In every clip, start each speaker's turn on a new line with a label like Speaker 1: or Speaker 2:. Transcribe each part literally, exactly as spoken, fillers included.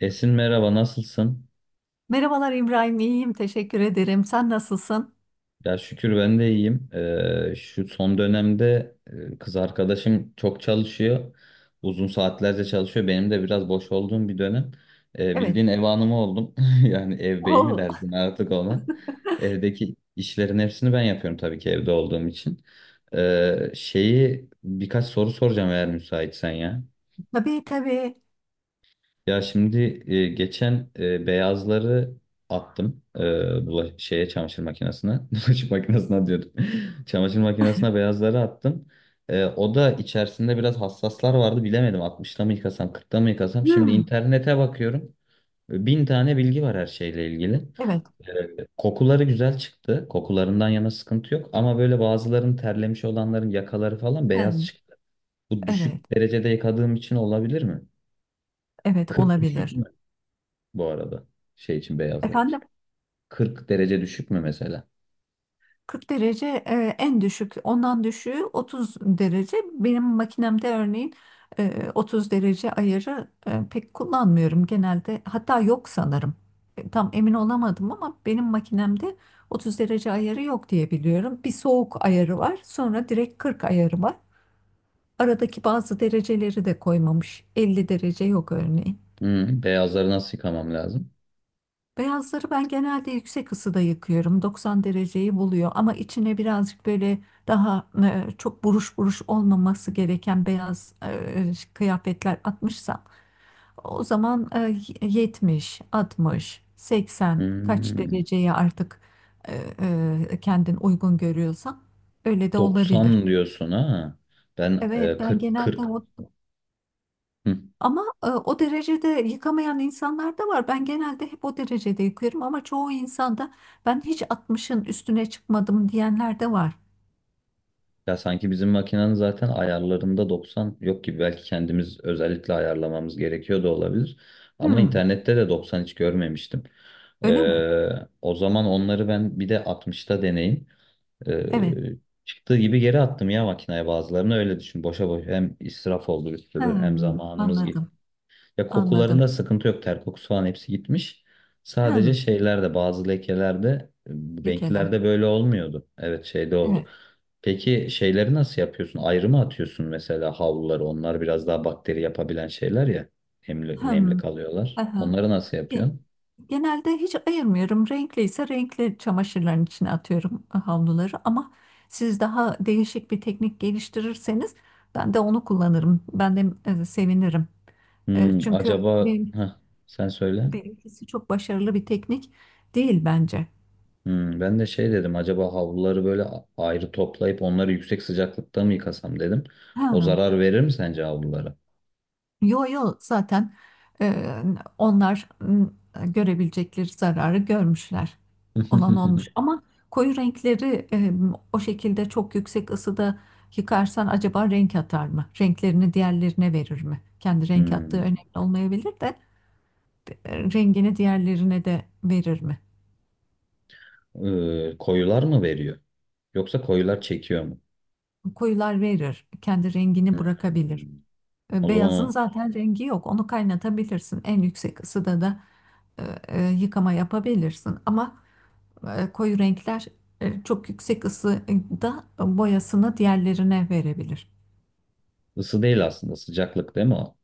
Speaker 1: Esin merhaba, nasılsın?
Speaker 2: Merhabalar İbrahim, iyiyim. Teşekkür ederim. Sen nasılsın?
Speaker 1: Ya şükür ben de iyiyim. Ee, şu son dönemde e, kız arkadaşım çok çalışıyor. Uzun saatlerce çalışıyor. Benim de biraz boş olduğum bir dönem. Ee,
Speaker 2: Evet.
Speaker 1: bildiğin ev hanımı oldum. Yani ev beyi mi
Speaker 2: Oo.
Speaker 1: dersin artık ona? Evdeki işlerin hepsini ben yapıyorum, tabii ki evde olduğum için. Ee, şeyi birkaç soru soracağım, eğer müsaitsen ya.
Speaker 2: Tabii, tabii.
Speaker 1: Ya şimdi, e, geçen, e, beyazları attım, e, bula- şeye, çamaşır makinesine. Bulaşık makinesine diyordum. Çamaşır makinesine beyazları attım. E, o da içerisinde biraz hassaslar vardı. Bilemedim, altmışta mı yıkasam, kırkta mı yıkasam. Şimdi
Speaker 2: Hmm.
Speaker 1: internete bakıyorum. E, Bin tane bilgi var her şeyle ilgili.
Speaker 2: Evet.
Speaker 1: E, kokuları güzel çıktı. Kokularından yana sıkıntı yok. Ama böyle bazıların, terlemiş olanların yakaları falan beyaz
Speaker 2: Ben.
Speaker 1: çıktı. Bu
Speaker 2: Evet.
Speaker 1: düşük derecede yıkadığım için olabilir mi?
Speaker 2: Evet
Speaker 1: kırk düşük
Speaker 2: olabilir.
Speaker 1: bu arada. Şey için, beyazlar için.
Speaker 2: Efendim,
Speaker 1: kırk derece düşük mü mesela?
Speaker 2: kırk derece e, en düşük. Ondan düşüğü otuz derece. Benim makinemde örneğin e, otuz derece ayarı e, pek kullanmıyorum genelde. Hatta yok sanırım. E, Tam emin olamadım ama benim makinemde otuz derece ayarı yok diye biliyorum. Bir soğuk ayarı var. Sonra direkt kırk ayarı var. Aradaki bazı dereceleri de koymamış. elli derece yok örneğin.
Speaker 1: Hmm, beyazları nasıl yıkamam lazım?
Speaker 2: Beyazları ben genelde yüksek ısıda yıkıyorum. doksan dereceyi buluyor ama içine birazcık böyle daha e, çok buruş buruş olmaması gereken beyaz e, kıyafetler atmışsam o zaman e, yetmiş, altmış, seksen, kaç
Speaker 1: Hmm,
Speaker 2: dereceye artık e, e, kendin uygun görüyorsan öyle de olabilir.
Speaker 1: doksan diyorsun, ha. Ben,
Speaker 2: Evet,
Speaker 1: e,
Speaker 2: ben
Speaker 1: kırk
Speaker 2: genelde
Speaker 1: kırk.
Speaker 2: o.
Speaker 1: Hı.
Speaker 2: Ama e, o derecede yıkamayan insanlar da var. Ben genelde hep o derecede yıkıyorum ama çoğu insanda ben hiç altmışın üstüne çıkmadım diyenler de var.
Speaker 1: Ya sanki bizim makinenin zaten ayarlarında doksan yok gibi. Belki kendimiz özellikle ayarlamamız gerekiyor da olabilir. Ama
Speaker 2: Hmm,
Speaker 1: internette de doksan hiç görmemiştim.
Speaker 2: öyle mi?
Speaker 1: Ee, o zaman onları ben bir de altmışta deneyim. Ee,
Speaker 2: Evet.
Speaker 1: çıktığı gibi geri attım ya makineye bazılarını, öyle düşün. Boşa boş, hem israf oldu bir sürü hem
Speaker 2: Hmm,
Speaker 1: zamanımız gitti.
Speaker 2: anladım.
Speaker 1: Ya,
Speaker 2: Anladım.
Speaker 1: kokularında sıkıntı yok, ter kokusu falan hepsi gitmiş. Sadece
Speaker 2: Hem
Speaker 1: şeylerde, bazı lekelerde, e,
Speaker 2: lekeler.
Speaker 1: renklerde böyle olmuyordu. Evet, şeyde oldu.
Speaker 2: Evet.
Speaker 1: Peki şeyleri nasıl yapıyorsun? Ayrı mı atıyorsun mesela havluları? Onlar biraz daha bakteri yapabilen şeyler ya. Nemli, nemli
Speaker 2: Hmm,
Speaker 1: kalıyorlar.
Speaker 2: aha.
Speaker 1: Onları nasıl
Speaker 2: Ge-
Speaker 1: yapıyorsun?
Speaker 2: Genelde hiç ayırmıyorum. Renkli ise renkli çamaşırların içine atıyorum havluları ama siz daha değişik bir teknik geliştirirseniz ben de onu kullanırım. Ben de e, sevinirim. E,
Speaker 1: Hmm,
Speaker 2: çünkü
Speaker 1: acaba
Speaker 2: benim,
Speaker 1: Heh, sen söyle.
Speaker 2: benimkisi çok başarılı bir teknik değil bence.
Speaker 1: Hmm, ben de şey dedim, acaba havluları böyle a- ayrı toplayıp onları yüksek sıcaklıkta mı yıkasam dedim. O
Speaker 2: Ha.
Speaker 1: zarar verir mi sence havlulara?
Speaker 2: Yo, yo, zaten e, onlar m, görebilecekleri zararı görmüşler. Olan olmuş ama koyu renkleri e, o şekilde çok yüksek ısıda yıkarsan acaba renk atar mı? Renklerini diğerlerine verir mi? Kendi renk attığı
Speaker 1: Hmm.
Speaker 2: önemli olmayabilir de e, rengini diğerlerine de verir mi?
Speaker 1: Ee, koyular mı veriyor? Yoksa koyular çekiyor mu?
Speaker 2: Koyular verir, kendi rengini bırakabilir.
Speaker 1: Hmm.
Speaker 2: E,
Speaker 1: O zaman
Speaker 2: Beyazın
Speaker 1: o
Speaker 2: zaten rengi yok. Onu kaynatabilirsin. En yüksek ısıda da e, e, yıkama yapabilirsin. Ama e, koyu renkler e, çok yüksek ısıda boyasını diğerlerine verebilir.
Speaker 1: ısı değil, aslında sıcaklık değil mi o?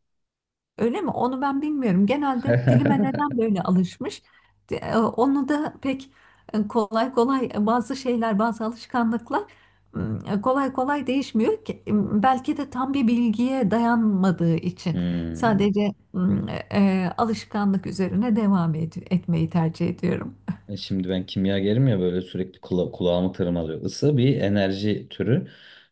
Speaker 2: Öyle mi? Onu ben bilmiyorum. Genelde dilime neden böyle alışmış? De- e, Onu da pek e, kolay kolay e, bazı şeyler, bazı alışkanlıklar m, e, kolay kolay değişmiyor ki. M, Belki de tam bir bilgiye dayanmadığı için
Speaker 1: Hmm.
Speaker 2: sadece m, e, e, alışkanlık üzerine devam ed- etmeyi tercih ediyorum.
Speaker 1: E, Şimdi ben kimyagerim ya, böyle sürekli kula kulağımı tırmalıyor. Isı bir enerji türü.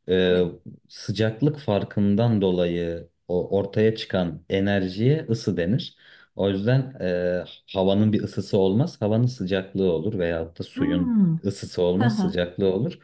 Speaker 1: Ee,
Speaker 2: Evet.
Speaker 1: sıcaklık farkından dolayı o ortaya çıkan enerjiye ısı denir. O yüzden, e, havanın bir ısısı olmaz, havanın sıcaklığı olur, veyahut da suyun
Speaker 2: Hmm.
Speaker 1: ısısı
Speaker 2: Hı
Speaker 1: olmaz,
Speaker 2: hı.
Speaker 1: sıcaklığı olur.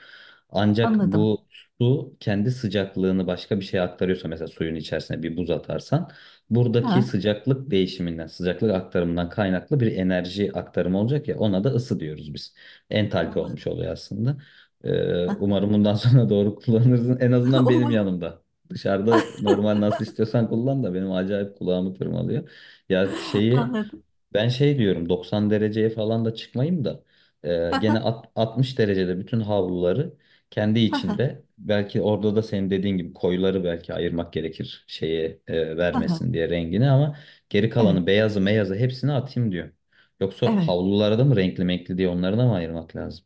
Speaker 1: Ancak
Speaker 2: Anladım.
Speaker 1: bu su kendi sıcaklığını başka bir şeye aktarıyorsa, mesela suyun içerisine bir buz atarsan, buradaki
Speaker 2: Ha,
Speaker 1: sıcaklık değişiminden, sıcaklık aktarımından kaynaklı bir enerji aktarımı olacak ya, ona da ısı diyoruz biz. Entalpi olmuş
Speaker 2: anladım.
Speaker 1: oluyor aslında. Ee, umarım bundan sonra doğru kullanırsın. En azından benim
Speaker 2: Umarım.
Speaker 1: yanımda. Dışarıda normal nasıl istiyorsan kullan da benim acayip kulağımı tırmalıyor. Ya şeyi,
Speaker 2: anladım.
Speaker 1: ben şey diyorum, doksan dereceye falan da çıkmayayım da, e, gene at- altmış derecede bütün havluları kendi içinde, belki orada da senin dediğin gibi koyuları belki ayırmak gerekir şeye, e, vermesin diye rengini, ama geri
Speaker 2: Evet,
Speaker 1: kalanı beyazı meyazı hepsini atayım diyor. Yoksa
Speaker 2: evet.
Speaker 1: havlulara da mı renkli menkli diye onları da mı ayırmak lazım?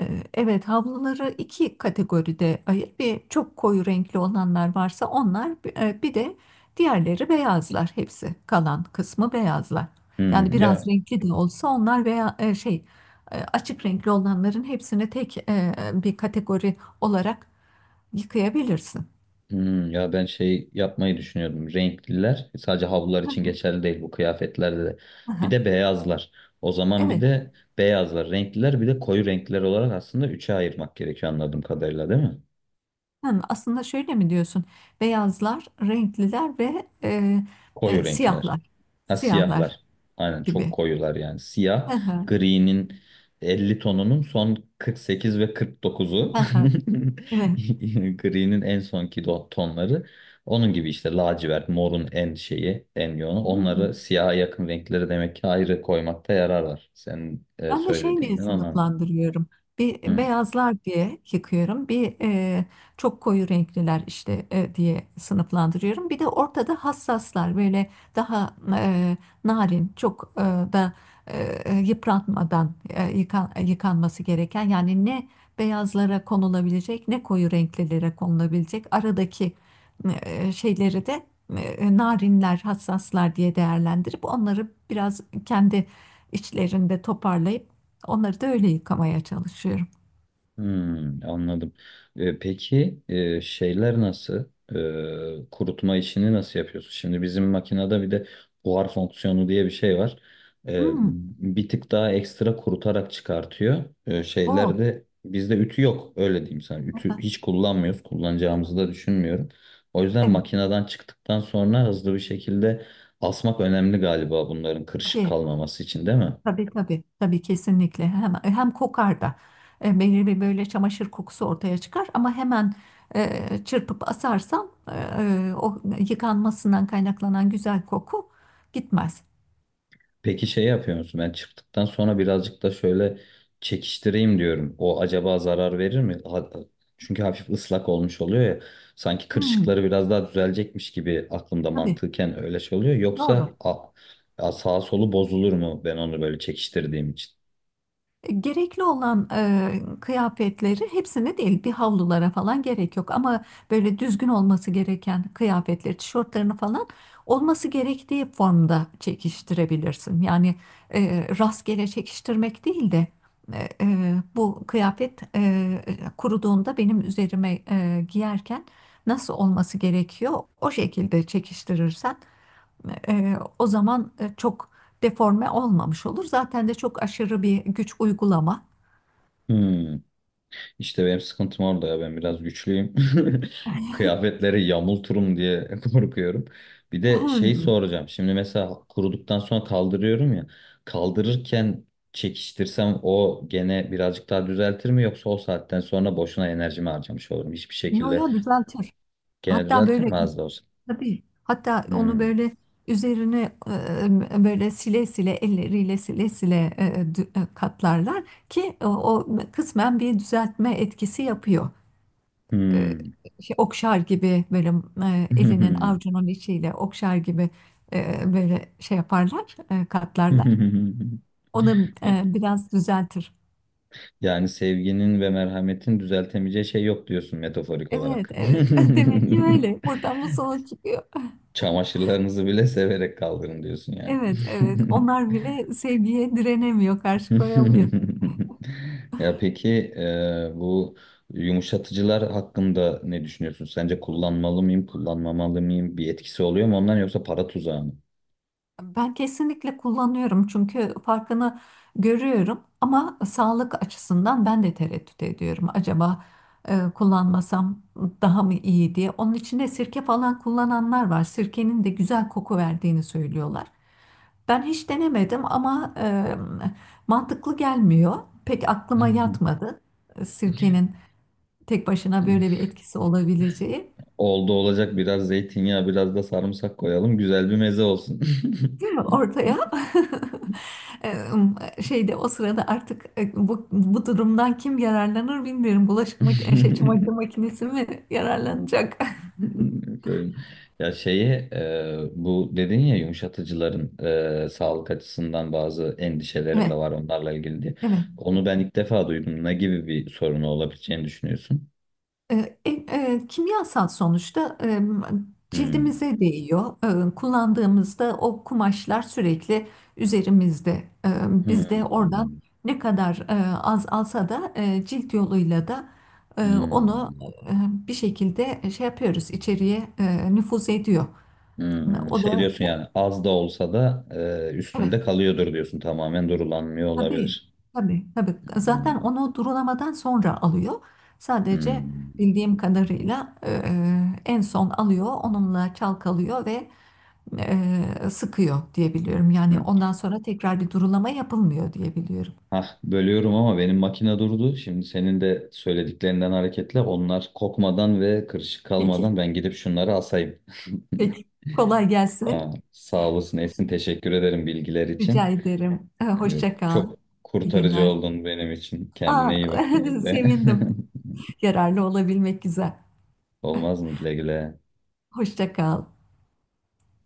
Speaker 2: Ee, Evet, havluları iki kategoride ayır. Bir çok koyu renkli olanlar varsa onlar, e, bir de diğerleri beyazlar. Hepsi kalan kısmı beyazlar. Yani
Speaker 1: Hmm,
Speaker 2: biraz
Speaker 1: ya
Speaker 2: renkli de olsa onlar veya e, şey, e, açık renkli olanların hepsini tek e, bir kategori olarak yıkayabilirsin.
Speaker 1: Hmm, ya ben şey yapmayı düşünüyordum. Renkliler sadece havlular için geçerli değil, bu kıyafetlerde de. Bir
Speaker 2: Aha,
Speaker 1: de beyazlar. O zaman bir
Speaker 2: evet.
Speaker 1: de beyazlar, renkliler, bir de koyu renkliler olarak aslında üçe ayırmak gerekiyor anladığım kadarıyla, değil mi?
Speaker 2: Hı, aslında şöyle mi diyorsun? Beyazlar, renkliler ve e,
Speaker 1: Koyu
Speaker 2: e,
Speaker 1: renkler.
Speaker 2: siyahlar,
Speaker 1: Ha,
Speaker 2: siyahlar
Speaker 1: siyahlar. Aynen, çok
Speaker 2: gibi.
Speaker 1: koyular yani.
Speaker 2: Hı
Speaker 1: Siyah,
Speaker 2: hı,
Speaker 1: gri'nin elli tonunun son kırk sekiz ve kırk dokuzu.
Speaker 2: hı hı, evet.
Speaker 1: Gri'nin en sonki do- tonları. Onun gibi işte lacivert, morun en şeyi, en yoğunu.
Speaker 2: Hmm.
Speaker 1: Onları siyaha yakın renkleri demek ki ayrı koymakta yarar var. Senin, e,
Speaker 2: Ben de şey diye
Speaker 1: söylediğinden onu anladım.
Speaker 2: sınıflandırıyorum. Bir,
Speaker 1: Hı.
Speaker 2: beyazlar diye yıkıyorum. Bir e, çok koyu renkliler işte e, diye sınıflandırıyorum. Bir de ortada hassaslar böyle daha e, narin, çok e, da e, e, yıpratmadan e, yıkan- yıkanması gereken, yani ne beyazlara konulabilecek ne koyu renklilere konulabilecek aradaki e, şeyleri de e, narinler, hassaslar diye değerlendirip onları biraz kendi içlerinde toparlayıp onları da öyle yıkamaya çalışıyorum.
Speaker 1: Hmm, anladım. Ee, peki, e, şeyler nasıl? Ee, kurutma işini nasıl yapıyorsun? Şimdi bizim makinede bir de buhar fonksiyonu diye bir şey var. Ee,
Speaker 2: Hmm,
Speaker 1: bir tık daha ekstra kurutarak çıkartıyor. Ee,
Speaker 2: o.
Speaker 1: şeylerde bizde ütü yok, öyle diyeyim sana.
Speaker 2: o
Speaker 1: Ütü
Speaker 2: da-
Speaker 1: hiç kullanmıyoruz.
Speaker 2: o da-
Speaker 1: Kullanacağımızı da düşünmüyorum. O yüzden
Speaker 2: evet,
Speaker 1: makineden çıktıktan sonra hızlı bir şekilde asmak önemli galiba, bunların kırışık
Speaker 2: tabii,
Speaker 1: kalmaması için, değil mi?
Speaker 2: tabii, tabii, tabii kesinlikle. Hem, hem kokar da. E, belirli bir böyle çamaşır kokusu ortaya çıkar ama hemen e, çırpıp asarsam e, e, o yıkanmasından kaynaklanan güzel koku gitmez.
Speaker 1: Peki şey yapıyor musun? Ben çıktıktan sonra birazcık da şöyle çekiştireyim diyorum. O acaba zarar verir mi? Ha- Çünkü hafif ıslak olmuş oluyor ya. Sanki
Speaker 2: Hmm,
Speaker 1: kırışıkları biraz daha düzelecekmiş gibi aklımda
Speaker 2: tabii,
Speaker 1: mantıken öyle şey oluyor.
Speaker 2: doğru.
Speaker 1: Yoksa, a, a- sağ solu bozulur mu ben onu böyle çekiştirdiğim için?
Speaker 2: Gerekli olan e, kıyafetleri hepsini değil, bir havlulara falan gerek yok ama böyle düzgün olması gereken kıyafetleri, tişörtlerini falan olması gerektiği formda çekiştirebilirsin. Yani e, rastgele çekiştirmek değil de e, e, bu kıyafet e, kuruduğunda benim üzerime e, giyerken nasıl olması gerekiyor, o şekilde çekiştirirsen e, o zaman e, çok deforme olmamış olur. Zaten de çok aşırı bir güç uygulama.
Speaker 1: Hmm. İşte benim sıkıntım orada ya, ben biraz güçlüyüm. Kıyafetleri yamulturum diye korkuyorum. Bir de şey
Speaker 2: Hmm.
Speaker 1: soracağım. Şimdi mesela kuruduktan sonra kaldırıyorum ya. Kaldırırken çekiştirsem o gene birazcık daha düzeltir mi, yoksa o saatten sonra boşuna enerjimi harcamış olurum. Hiçbir
Speaker 2: Yo,
Speaker 1: şekilde
Speaker 2: yo, düzeltir.
Speaker 1: gene
Speaker 2: Hatta
Speaker 1: düzeltir
Speaker 2: böyle,
Speaker 1: mi az da olsa?
Speaker 2: tabii, hatta onu
Speaker 1: Hmm.
Speaker 2: böyle üzerine e, böyle sile sile, elleriyle sile sile e, dü- e, katlarlar ki o, o kısmen bir düzeltme etkisi yapıyor. E,
Speaker 1: Hmm.
Speaker 2: Şey, okşar gibi, böyle e, elinin avucunun içiyle okşar gibi e, böyle şey yaparlar, e, katlarlar. O da e, biraz düzeltir.
Speaker 1: Yani sevginin ve merhametin düzeltemeyeceği şey yok diyorsun metaforik
Speaker 2: Evet,
Speaker 1: olarak.
Speaker 2: evet. Demek ki öyle. Buradan bu sonuç çıkıyor.
Speaker 1: Çamaşırlarınızı bile severek kaldırın diyorsun yani.
Speaker 2: Evet, evet. Onlar bile sevgiye direnemiyor, karşı koyamıyor.
Speaker 1: Ya peki, e, bu yumuşatıcılar hakkında ne düşünüyorsun? Sence kullanmalı mıyım, kullanmamalı mıyım? Bir etkisi oluyor mu ondan, yoksa para tuzağı mı?
Speaker 2: Ben kesinlikle kullanıyorum çünkü farkını görüyorum, ama sağlık açısından ben de tereddüt ediyorum. Acaba e, kullanmasam daha mı iyi diye. Onun içinde sirke falan kullananlar var. Sirkenin de güzel koku verdiğini söylüyorlar. Ben hiç denemedim ama e, mantıklı gelmiyor. Pek aklıma yatmadı. E, Sirkenin tek başına böyle bir etkisi olabileceği.
Speaker 1: Oldu olacak, biraz zeytinyağı, biraz da sarımsak koyalım. Güzel bir meze olsun.
Speaker 2: Değil mi? Ortaya. E, şeyde, o sırada artık e, bu, bu durumdan kim yararlanır bilmiyorum. Bulaşık makinesi, şey, çamaşır makinesi mi yararlanacak?
Speaker 1: Söyleyeyim. Ya şeyi, e, bu dedin ya yumuşatıcıların, e, sağlık açısından bazı endişelerim de
Speaker 2: Evet,
Speaker 1: var onlarla ilgili diye.
Speaker 2: evet.
Speaker 1: Onu ben ilk defa duydum. Ne gibi bir sorunu olabileceğini düşünüyorsun?
Speaker 2: E, e, e, Kimyasal sonuçta e,
Speaker 1: Hmm.
Speaker 2: cildimize değiyor. E, kullandığımızda o kumaşlar sürekli üzerimizde. E, Biz de oradan
Speaker 1: Hmm.
Speaker 2: ne kadar e, az alsa da e, cilt yoluyla da e, onu
Speaker 1: Hmm.
Speaker 2: e, bir şekilde şey yapıyoruz, içeriye e, nüfuz ediyor.
Speaker 1: Hmm.
Speaker 2: O
Speaker 1: Şey
Speaker 2: da
Speaker 1: diyorsun
Speaker 2: o-
Speaker 1: yani, az da olsa da e, üstünde kalıyordur diyorsun. Tamamen durulanmıyor
Speaker 2: tabii,
Speaker 1: olabilir.
Speaker 2: tabii, tabii. Zaten
Speaker 1: Hmm.
Speaker 2: onu durulamadan sonra alıyor. Sadece
Speaker 1: Hmm.
Speaker 2: bildiğim kadarıyla eee, en son alıyor, onunla çalkalıyor ve eee, sıkıyor diye biliyorum. Yani
Speaker 1: Hmm.
Speaker 2: ondan sonra tekrar bir durulama yapılmıyor diye biliyorum.
Speaker 1: Hah, bölüyorum ama benim makine durdu. Şimdi senin de söylediklerinden hareketle onlar kokmadan ve kırışık
Speaker 2: Peki,
Speaker 1: kalmadan ben gidip şunları asayım.
Speaker 2: peki. Kolay gelsin.
Speaker 1: Aa, sağ olasın Esin, teşekkür ederim bilgiler
Speaker 2: Rica
Speaker 1: için.
Speaker 2: ederim. Ee,
Speaker 1: Ee,
Speaker 2: Hoşça kal.
Speaker 1: Çok
Speaker 2: İyi
Speaker 1: kurtarıcı
Speaker 2: günler.
Speaker 1: oldun benim için. Kendine
Speaker 2: Aa,
Speaker 1: iyi bak, güle güle.
Speaker 2: sevindim. Yararlı olabilmek güzel.
Speaker 1: Olmaz mı güle güle?
Speaker 2: Hoşça kal.